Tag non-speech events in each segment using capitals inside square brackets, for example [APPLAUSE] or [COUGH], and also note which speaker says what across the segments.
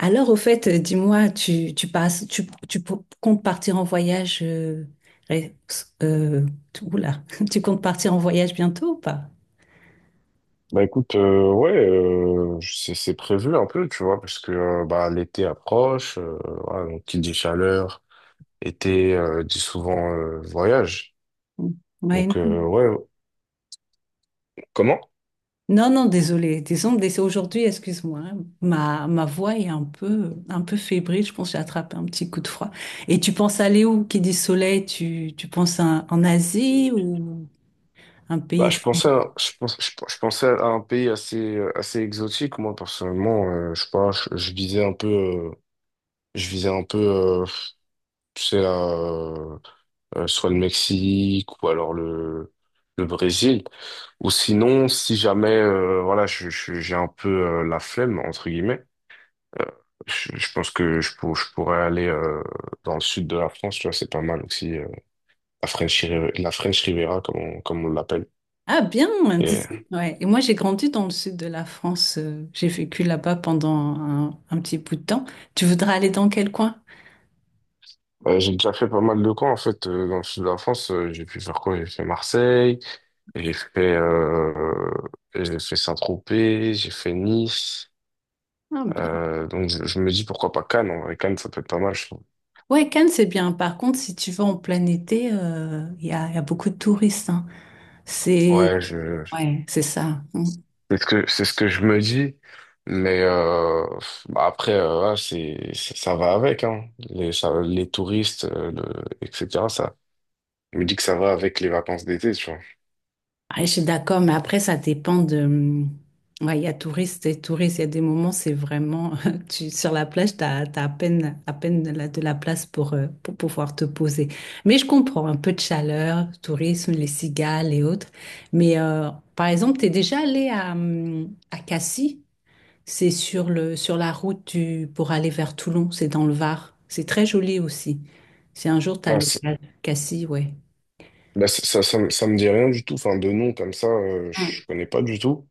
Speaker 1: Alors, au fait, dis-moi, tu passes, tu comptes partir en voyage, ré- euh, tu- oula, [LAUGHS] tu comptes partir en voyage bientôt ou pas?
Speaker 2: Bah écoute, ouais, c'est prévu un peu, tu vois, parce que bah, l'été approche, voilà, donc qui dit chaleur, été dit souvent voyage.
Speaker 1: Mm. Ouais,
Speaker 2: Donc
Speaker 1: non.
Speaker 2: ouais, comment?
Speaker 1: Non, désolée, aujourd'hui, excuse-moi, hein. Ma voix est un peu fébrile, je pense que j'ai attrapé un petit coup de froid. Et tu penses aller où? Qui dit soleil, tu penses en Asie ou un pays.
Speaker 2: Je pense, je pensais à un pays assez assez exotique, moi personnellement, je sais pas, je visais un peu, je visais un peu, euh, tu sais là, soit le Mexique ou alors le Brésil. Ou sinon, si jamais voilà, j'ai un peu la flemme, entre guillemets, euh, je pense que je, pour- je pourrais aller dans le sud de la France, tu vois, c'est pas mal aussi, la French Riviera, comme on l'appelle.
Speaker 1: Ah bien, tu
Speaker 2: Et
Speaker 1: sais, ouais. Et moi, j'ai grandi dans le sud de la France. J'ai vécu là-bas pendant un petit bout de temps. Tu voudrais aller dans quel coin?
Speaker 2: j'ai déjà fait pas mal de camps, en fait, dans le sud de la France. J'ai pu faire quoi? J'ai fait Marseille, j'ai fait, euh, j'ai fait Saint-Tropez, j'ai fait Nice.
Speaker 1: Ah bien.
Speaker 2: Donc je me dis pourquoi pas Cannes. En vrai, Cannes, ça peut être pas mal, je trouve.
Speaker 1: Ouais, Cannes, c'est bien. Par contre, si tu vas en plein été, il y a beaucoup de touristes, hein. C'est
Speaker 2: Ouais, je
Speaker 1: ouais, c'est ça.
Speaker 2: C'est ce que c'est ce que je me dis, mais bah après ouais, ça va avec, hein. Les touristes etc., ça, je me dis que ça va avec les vacances d'été, tu vois.
Speaker 1: Ouais, je suis d'accord, mais après, ça dépend de... ouais, il y a touristes et touristes. Il y a des moments, c'est vraiment... [LAUGHS] sur la plage, tu as, à peine, à peine de la place pour pouvoir te poser. Mais je comprends un peu de chaleur, tourisme, les cigales et autres. Mais par exemple, tu es déjà allé à Cassis. Sur la route du, pour aller vers Toulon. C'est dans le Var. C'est très joli aussi. Si un jour, tu as
Speaker 2: Bah,
Speaker 1: le
Speaker 2: c'est-
Speaker 1: Cassis, ouais.
Speaker 2: ça me ça me dit rien du tout, enfin de nom comme ça,
Speaker 1: Mm.
Speaker 2: je connais pas du tout,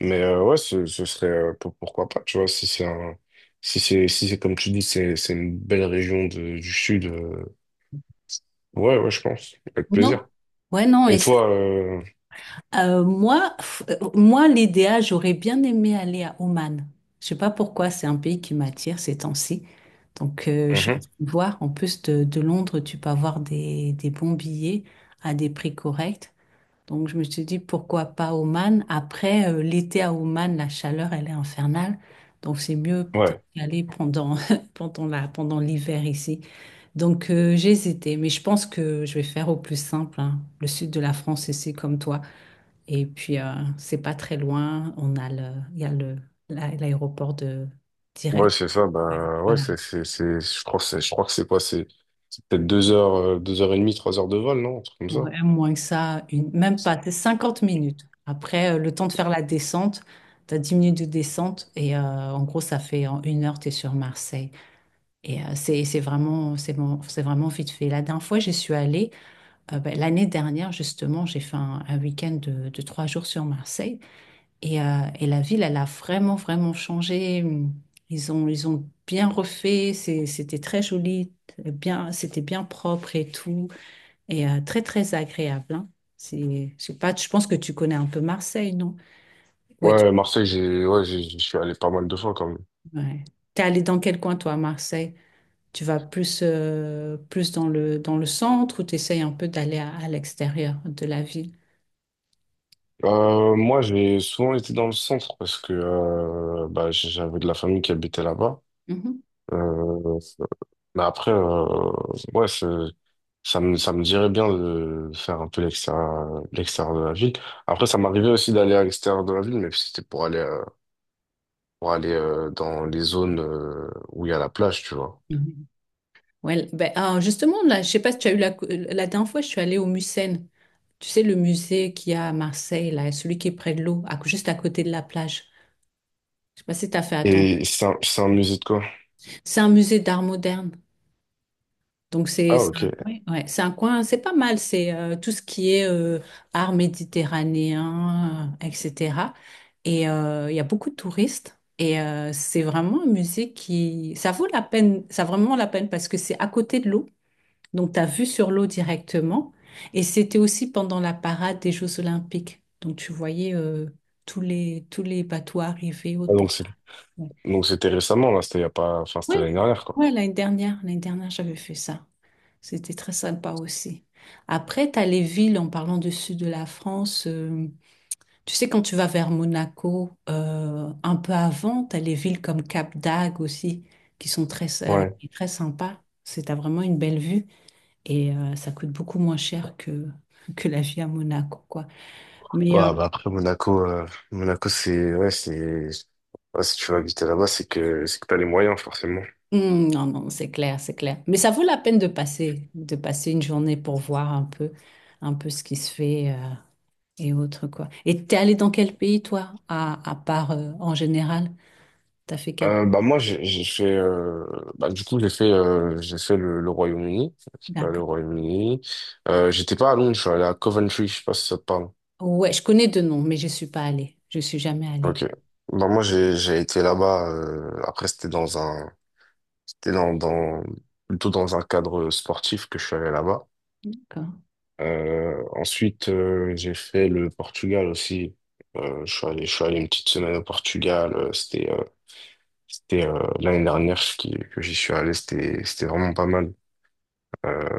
Speaker 2: mais ouais, ce serait pourquoi pas, tu vois. Si c'est un si c'est comme tu dis, c'est une belle région du sud, euh. Ouais, ouais, je pense. Avec
Speaker 1: Non?
Speaker 2: plaisir.
Speaker 1: Ouais, non, et
Speaker 2: Et
Speaker 1: ça,
Speaker 2: toi,
Speaker 1: Moi, moi, l'idéal, j'aurais bien aimé aller à Oman. Je sais pas pourquoi, c'est un pays qui m'attire ces temps-ci. Donc, je suis en
Speaker 2: Mhm.
Speaker 1: train de voir. En plus de Londres, tu peux avoir des bons billets à des prix corrects. Donc, je me suis dit, pourquoi pas Oman? Après, l'été à Oman, la chaleur, elle est infernale. Donc, c'est mieux peut-être
Speaker 2: Ouais.
Speaker 1: d'y aller pendant, [LAUGHS] pendant l'hiver ici. Donc, j'ai hésité, mais je pense que je vais faire au plus simple, hein. Le sud de la France, ici, comme toi. Et puis, c'est pas très loin. Il y a le, l'aéroport de
Speaker 2: Ouais,
Speaker 1: direct.
Speaker 2: c'est ça.
Speaker 1: Ouais.
Speaker 2: Bah, ouais,
Speaker 1: Voilà.
Speaker 2: c'est, je crois que je crois que c'est quoi? C'est peut-être deux heures et demie, trois heures de vol, non? Un truc comme ça.
Speaker 1: Ouais, moins que ça, une, même pas, c'est 50 minutes. Après, le temps de faire la descente, tu as 10 minutes de descente et en gros, ça fait en une heure, tu es sur Marseille. Et euh, c'est vraiment, c'est vraiment vite fait. La dernière fois, j'y suis allée, ben, l'année dernière, justement, j'ai fait un week-end de trois jours sur Marseille. Et la ville, elle a vraiment, vraiment changé. Ils ont bien refait. C'était très joli, bien, c'était bien propre et tout. Et très, très agréable, hein. C'est pas, je pense que tu connais un peu Marseille, non? Ouais, tu,
Speaker 2: Ouais, Marseille, je suis allé pas mal de fois quand même.
Speaker 1: ouais. T'es allé dans quel coin, toi, à Marseille? Tu vas plus, plus dans le centre ou tu essayes un peu d'aller à l'extérieur de la ville?
Speaker 2: Moi, j'ai souvent été dans le centre parce que, bah, j'avais de la famille qui habitait là-bas. Euh, Mais après, ouais, c'est- ça me dirait bien de faire un peu l'extérieur, l'extérieur de la ville. Après, ça m'arrivait aussi d'aller à l'extérieur de la ville, mais c'était pour aller dans les zones où il y a la plage, tu vois.
Speaker 1: Mhm. Ouais, ben, ah, justement, là, je sais pas si tu as eu la, la dernière fois, je suis allée au Mucem. Tu sais, le musée qu'il y a à Marseille, là, celui qui est près de l'eau, juste à côté de la plage. Je sais pas si tu as fait attention.
Speaker 2: Et c'est un musée de quoi?
Speaker 1: C'est un musée d'art moderne. Donc,
Speaker 2: Ah, ok. Ah,
Speaker 1: c'est un coin, c'est pas mal. C'est tout ce qui est art méditerranéen, etc. Et il y a beaucoup de touristes. Et c'est vraiment un musée qui, ça vaut la peine, ça vaut vraiment la peine parce que c'est à côté de l'eau. Donc, tu as vu sur l'eau directement. Et c'était aussi pendant la parade des Jeux Olympiques. Donc, tu voyais tous les bateaux arriver autres pour
Speaker 2: donc, c'est,
Speaker 1: faire. Ouais,
Speaker 2: donc c'était récemment, là, c'était il y a pas, enfin, c'était
Speaker 1: ouais,
Speaker 2: l'année dernière, quoi.
Speaker 1: ouais, l'année dernière, j'avais fait ça. C'était très sympa aussi. Après, tu as les villes, en parlant du sud de la France. Tu sais, quand tu vas vers Monaco, un peu avant, tu as les villes comme Cap d'Agde aussi, qui sont très,
Speaker 2: Ouais.
Speaker 1: très sympas. C'est, t'as vraiment une belle vue. Et ça coûte beaucoup moins cher que la vie à Monaco, quoi. Mais
Speaker 2: Ouais, bah après, Monaco, Monaco, c'est, ouais, si tu vas habiter là-bas, c'est que t'as les moyens, forcément.
Speaker 1: non, c'est clair, c'est clair. Mais ça vaut la peine de passer une journée pour voir un peu ce qui se fait et autres, quoi. Et t'es allé dans quel pays, toi, à part en général? T'as fait quel...
Speaker 2: Bah moi, j'ai fait bah du coup, j'ai fait le Royaume-Uni. Je suis allé
Speaker 1: D'accord.
Speaker 2: au Royaume-Uni. Euh, j'étais pas à Londres, je suis allé à Coventry, je sais pas si ça te parle.
Speaker 1: Ouais, je connais deux noms, mais je suis pas allée. Je suis jamais allée.
Speaker 2: Ok, bah moi, j'ai été là-bas. Euh, après c'était dans un c'était dans dans plutôt dans un cadre sportif que je suis allé là-bas.
Speaker 1: D'accord.
Speaker 2: Euh, ensuite j'ai fait le Portugal aussi. Euh, je suis allé, je suis allé une petite semaine au Portugal. Euh, c'était l'année dernière que j'y suis allé, c'était vraiment pas mal. Euh,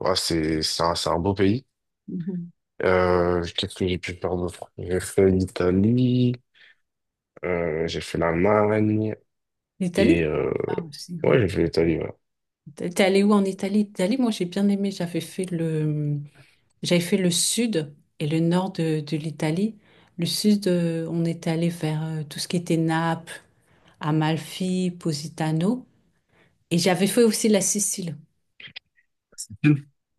Speaker 2: ouais, c'est un beau pays.
Speaker 1: Mhm.
Speaker 2: Qu'est-ce que j'ai pu faire d'autre? J'ai fait l'Italie, j'ai fait l'Allemagne, et
Speaker 1: L'Italie? Ah, aussi,
Speaker 2: ouais,
Speaker 1: ouais.
Speaker 2: j'ai fait l'Italie, ouais.
Speaker 1: T'es allé où en Italie? Italie, moi j'ai bien aimé, j'avais fait le sud et le nord de l'Italie. Le sud, on était allé vers tout ce qui était Naples, Amalfi, Positano. Et j'avais fait aussi la Sicile.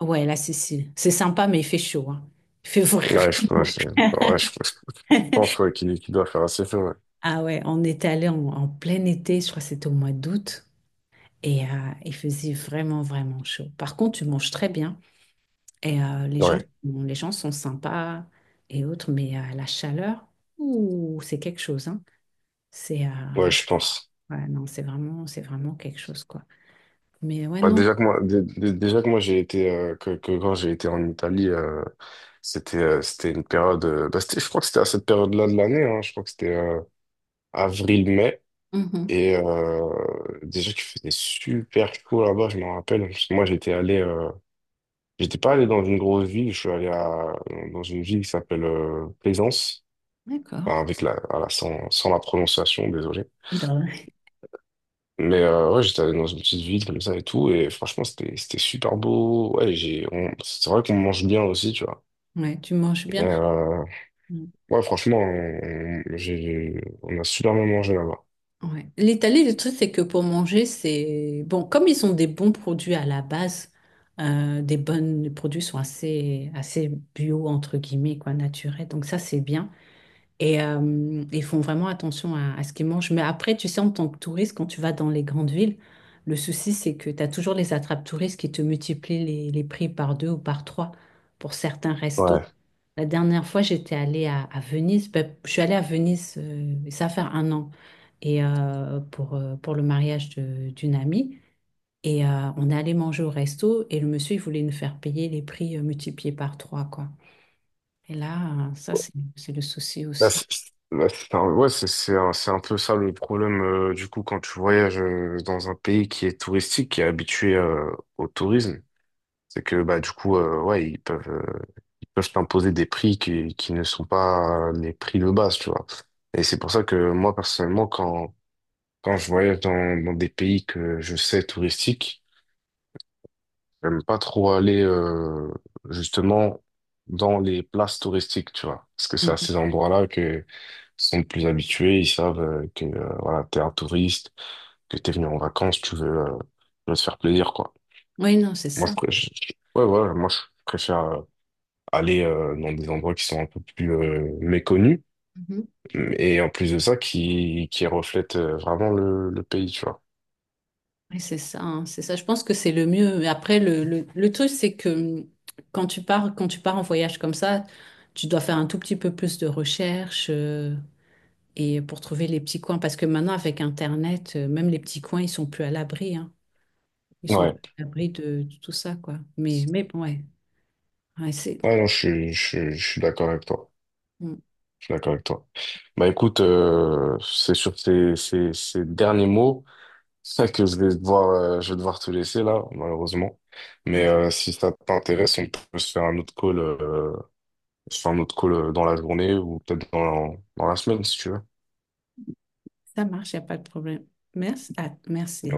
Speaker 1: Ouais, la Sicile. C'est sympa, mais il fait chaud, hein. Il fait
Speaker 2: Ouais, je
Speaker 1: vraiment.
Speaker 2: pense, ouais, je
Speaker 1: [LAUGHS]
Speaker 2: pense, ouais, qu'il doit faire assez feu, ouais.
Speaker 1: Ah ouais, on était allé en, en plein été, je crois que c'était au mois d'août. Et il faisait vraiment, vraiment chaud. Par contre, tu manges très bien. Et euh,
Speaker 2: Ouais,
Speaker 1: les gens sont sympas et autres, mais la chaleur, ouh, c'est quelque chose, hein. C'est
Speaker 2: ouais, je pense.
Speaker 1: ouais, non, c'est vraiment quelque chose, quoi. Mais ouais,
Speaker 2: Bah,
Speaker 1: non.
Speaker 2: déjà que moi, déjà que moi, j'ai été que quand j'ai été en Italie, c'était c'était une période. Euh, bah, c'était- je crois que c'était à cette période-là de l'année. Hein, je crois que c'était avril-mai.
Speaker 1: Mhm.
Speaker 2: Et déjà qu'il faisait super chaud là-bas, je m'en rappelle. Parce que moi, j'étais allé, j'étais pas allé dans une grosse ville, je suis allé à, dans une ville qui s'appelle Plaisance.
Speaker 1: D'accord.
Speaker 2: Enfin, avec voilà, sans la prononciation, désolé.
Speaker 1: Dans-
Speaker 2: Mais ouais, j'étais allé dans une petite ville comme ça et tout, et franchement, c'était super beau. Ouais, c'est vrai qu'on mange bien aussi, tu vois.
Speaker 1: Ouais, tu manges
Speaker 2: Et,
Speaker 1: bien. Mm.
Speaker 2: ouais, franchement, on a super bien mangé là-bas.
Speaker 1: Ouais. L'Italie, le truc, c'est que pour manger, c'est bon, comme ils ont des bons produits à la base, des bonnes les produits sont assez, assez bio, entre guillemets, quoi, naturels. Donc ça, c'est bien. Et ils font vraiment attention à ce qu'ils mangent. Mais après, tu sais, en tant que touriste, quand tu vas dans les grandes villes, le souci, c'est que tu as toujours les attrape-touristes qui te multiplient les prix par deux ou par trois pour certains restos.
Speaker 2: Ouais.
Speaker 1: La dernière fois, j'étais allée à Venise. Ben, je suis allée à Venise, ça fait un an, et pour le mariage d'une amie. Et on est allé manger au resto et le monsieur, il voulait nous faire payer les prix multipliés par trois, quoi. Et là, ça, c'est le souci
Speaker 2: Bah,
Speaker 1: aussi.
Speaker 2: c'est, bah, c'est un, ouais, c'est un peu ça, le problème, du coup quand tu voyages dans un pays qui est touristique, qui est habitué au tourisme, c'est que bah du coup ouais, ils peuvent t'imposer des prix qui ne sont pas les prix de base, tu vois. Et c'est pour ça que moi personnellement, quand je voyage dans des pays que je sais touristiques, j'aime pas trop aller justement dans les places touristiques, tu vois. Parce que c'est à ces endroits-là que sont le plus habitués, ils savent que voilà, t'es un touriste, que t'es venu en vacances, tu veux te faire plaisir, quoi.
Speaker 1: Oui, non, c'est
Speaker 2: Moi, je,
Speaker 1: ça.
Speaker 2: pré- je- ouais, ouais, moi, je préfère aller dans des endroits qui sont un peu plus méconnus,
Speaker 1: Mhm.
Speaker 2: et en plus de ça, qui reflètent vraiment le pays, tu vois.
Speaker 1: Oui, c'est ça, hein, c'est ça. Je pense que c'est le mieux. Mais après, le truc, c'est que hum, quand tu pars en voyage comme ça, tu dois faire un tout petit peu plus de recherche et pour trouver les petits coins. Parce que maintenant, avec Internet, même les petits coins, ils sont plus à l'abri, hein. Ils sont
Speaker 2: Ouais.
Speaker 1: plus à l'abri de tout ça, quoi. Mais bon, ouais, ouais, c'est,
Speaker 2: Ouais, non, je suis d'accord avec toi.
Speaker 1: hum,
Speaker 2: Je suis d'accord avec toi. Bah écoute, c'est sur ces, ces, ces derniers mots [LAUGHS] que je vais devoir te laisser là, malheureusement.
Speaker 1: ouais,
Speaker 2: Mais si ça t'intéresse, on peut se faire un autre call, dans la journée ou peut-être dans, dans la semaine si tu veux.
Speaker 1: ça marche, il n'y a pas de problème. Merci. Ah, merci.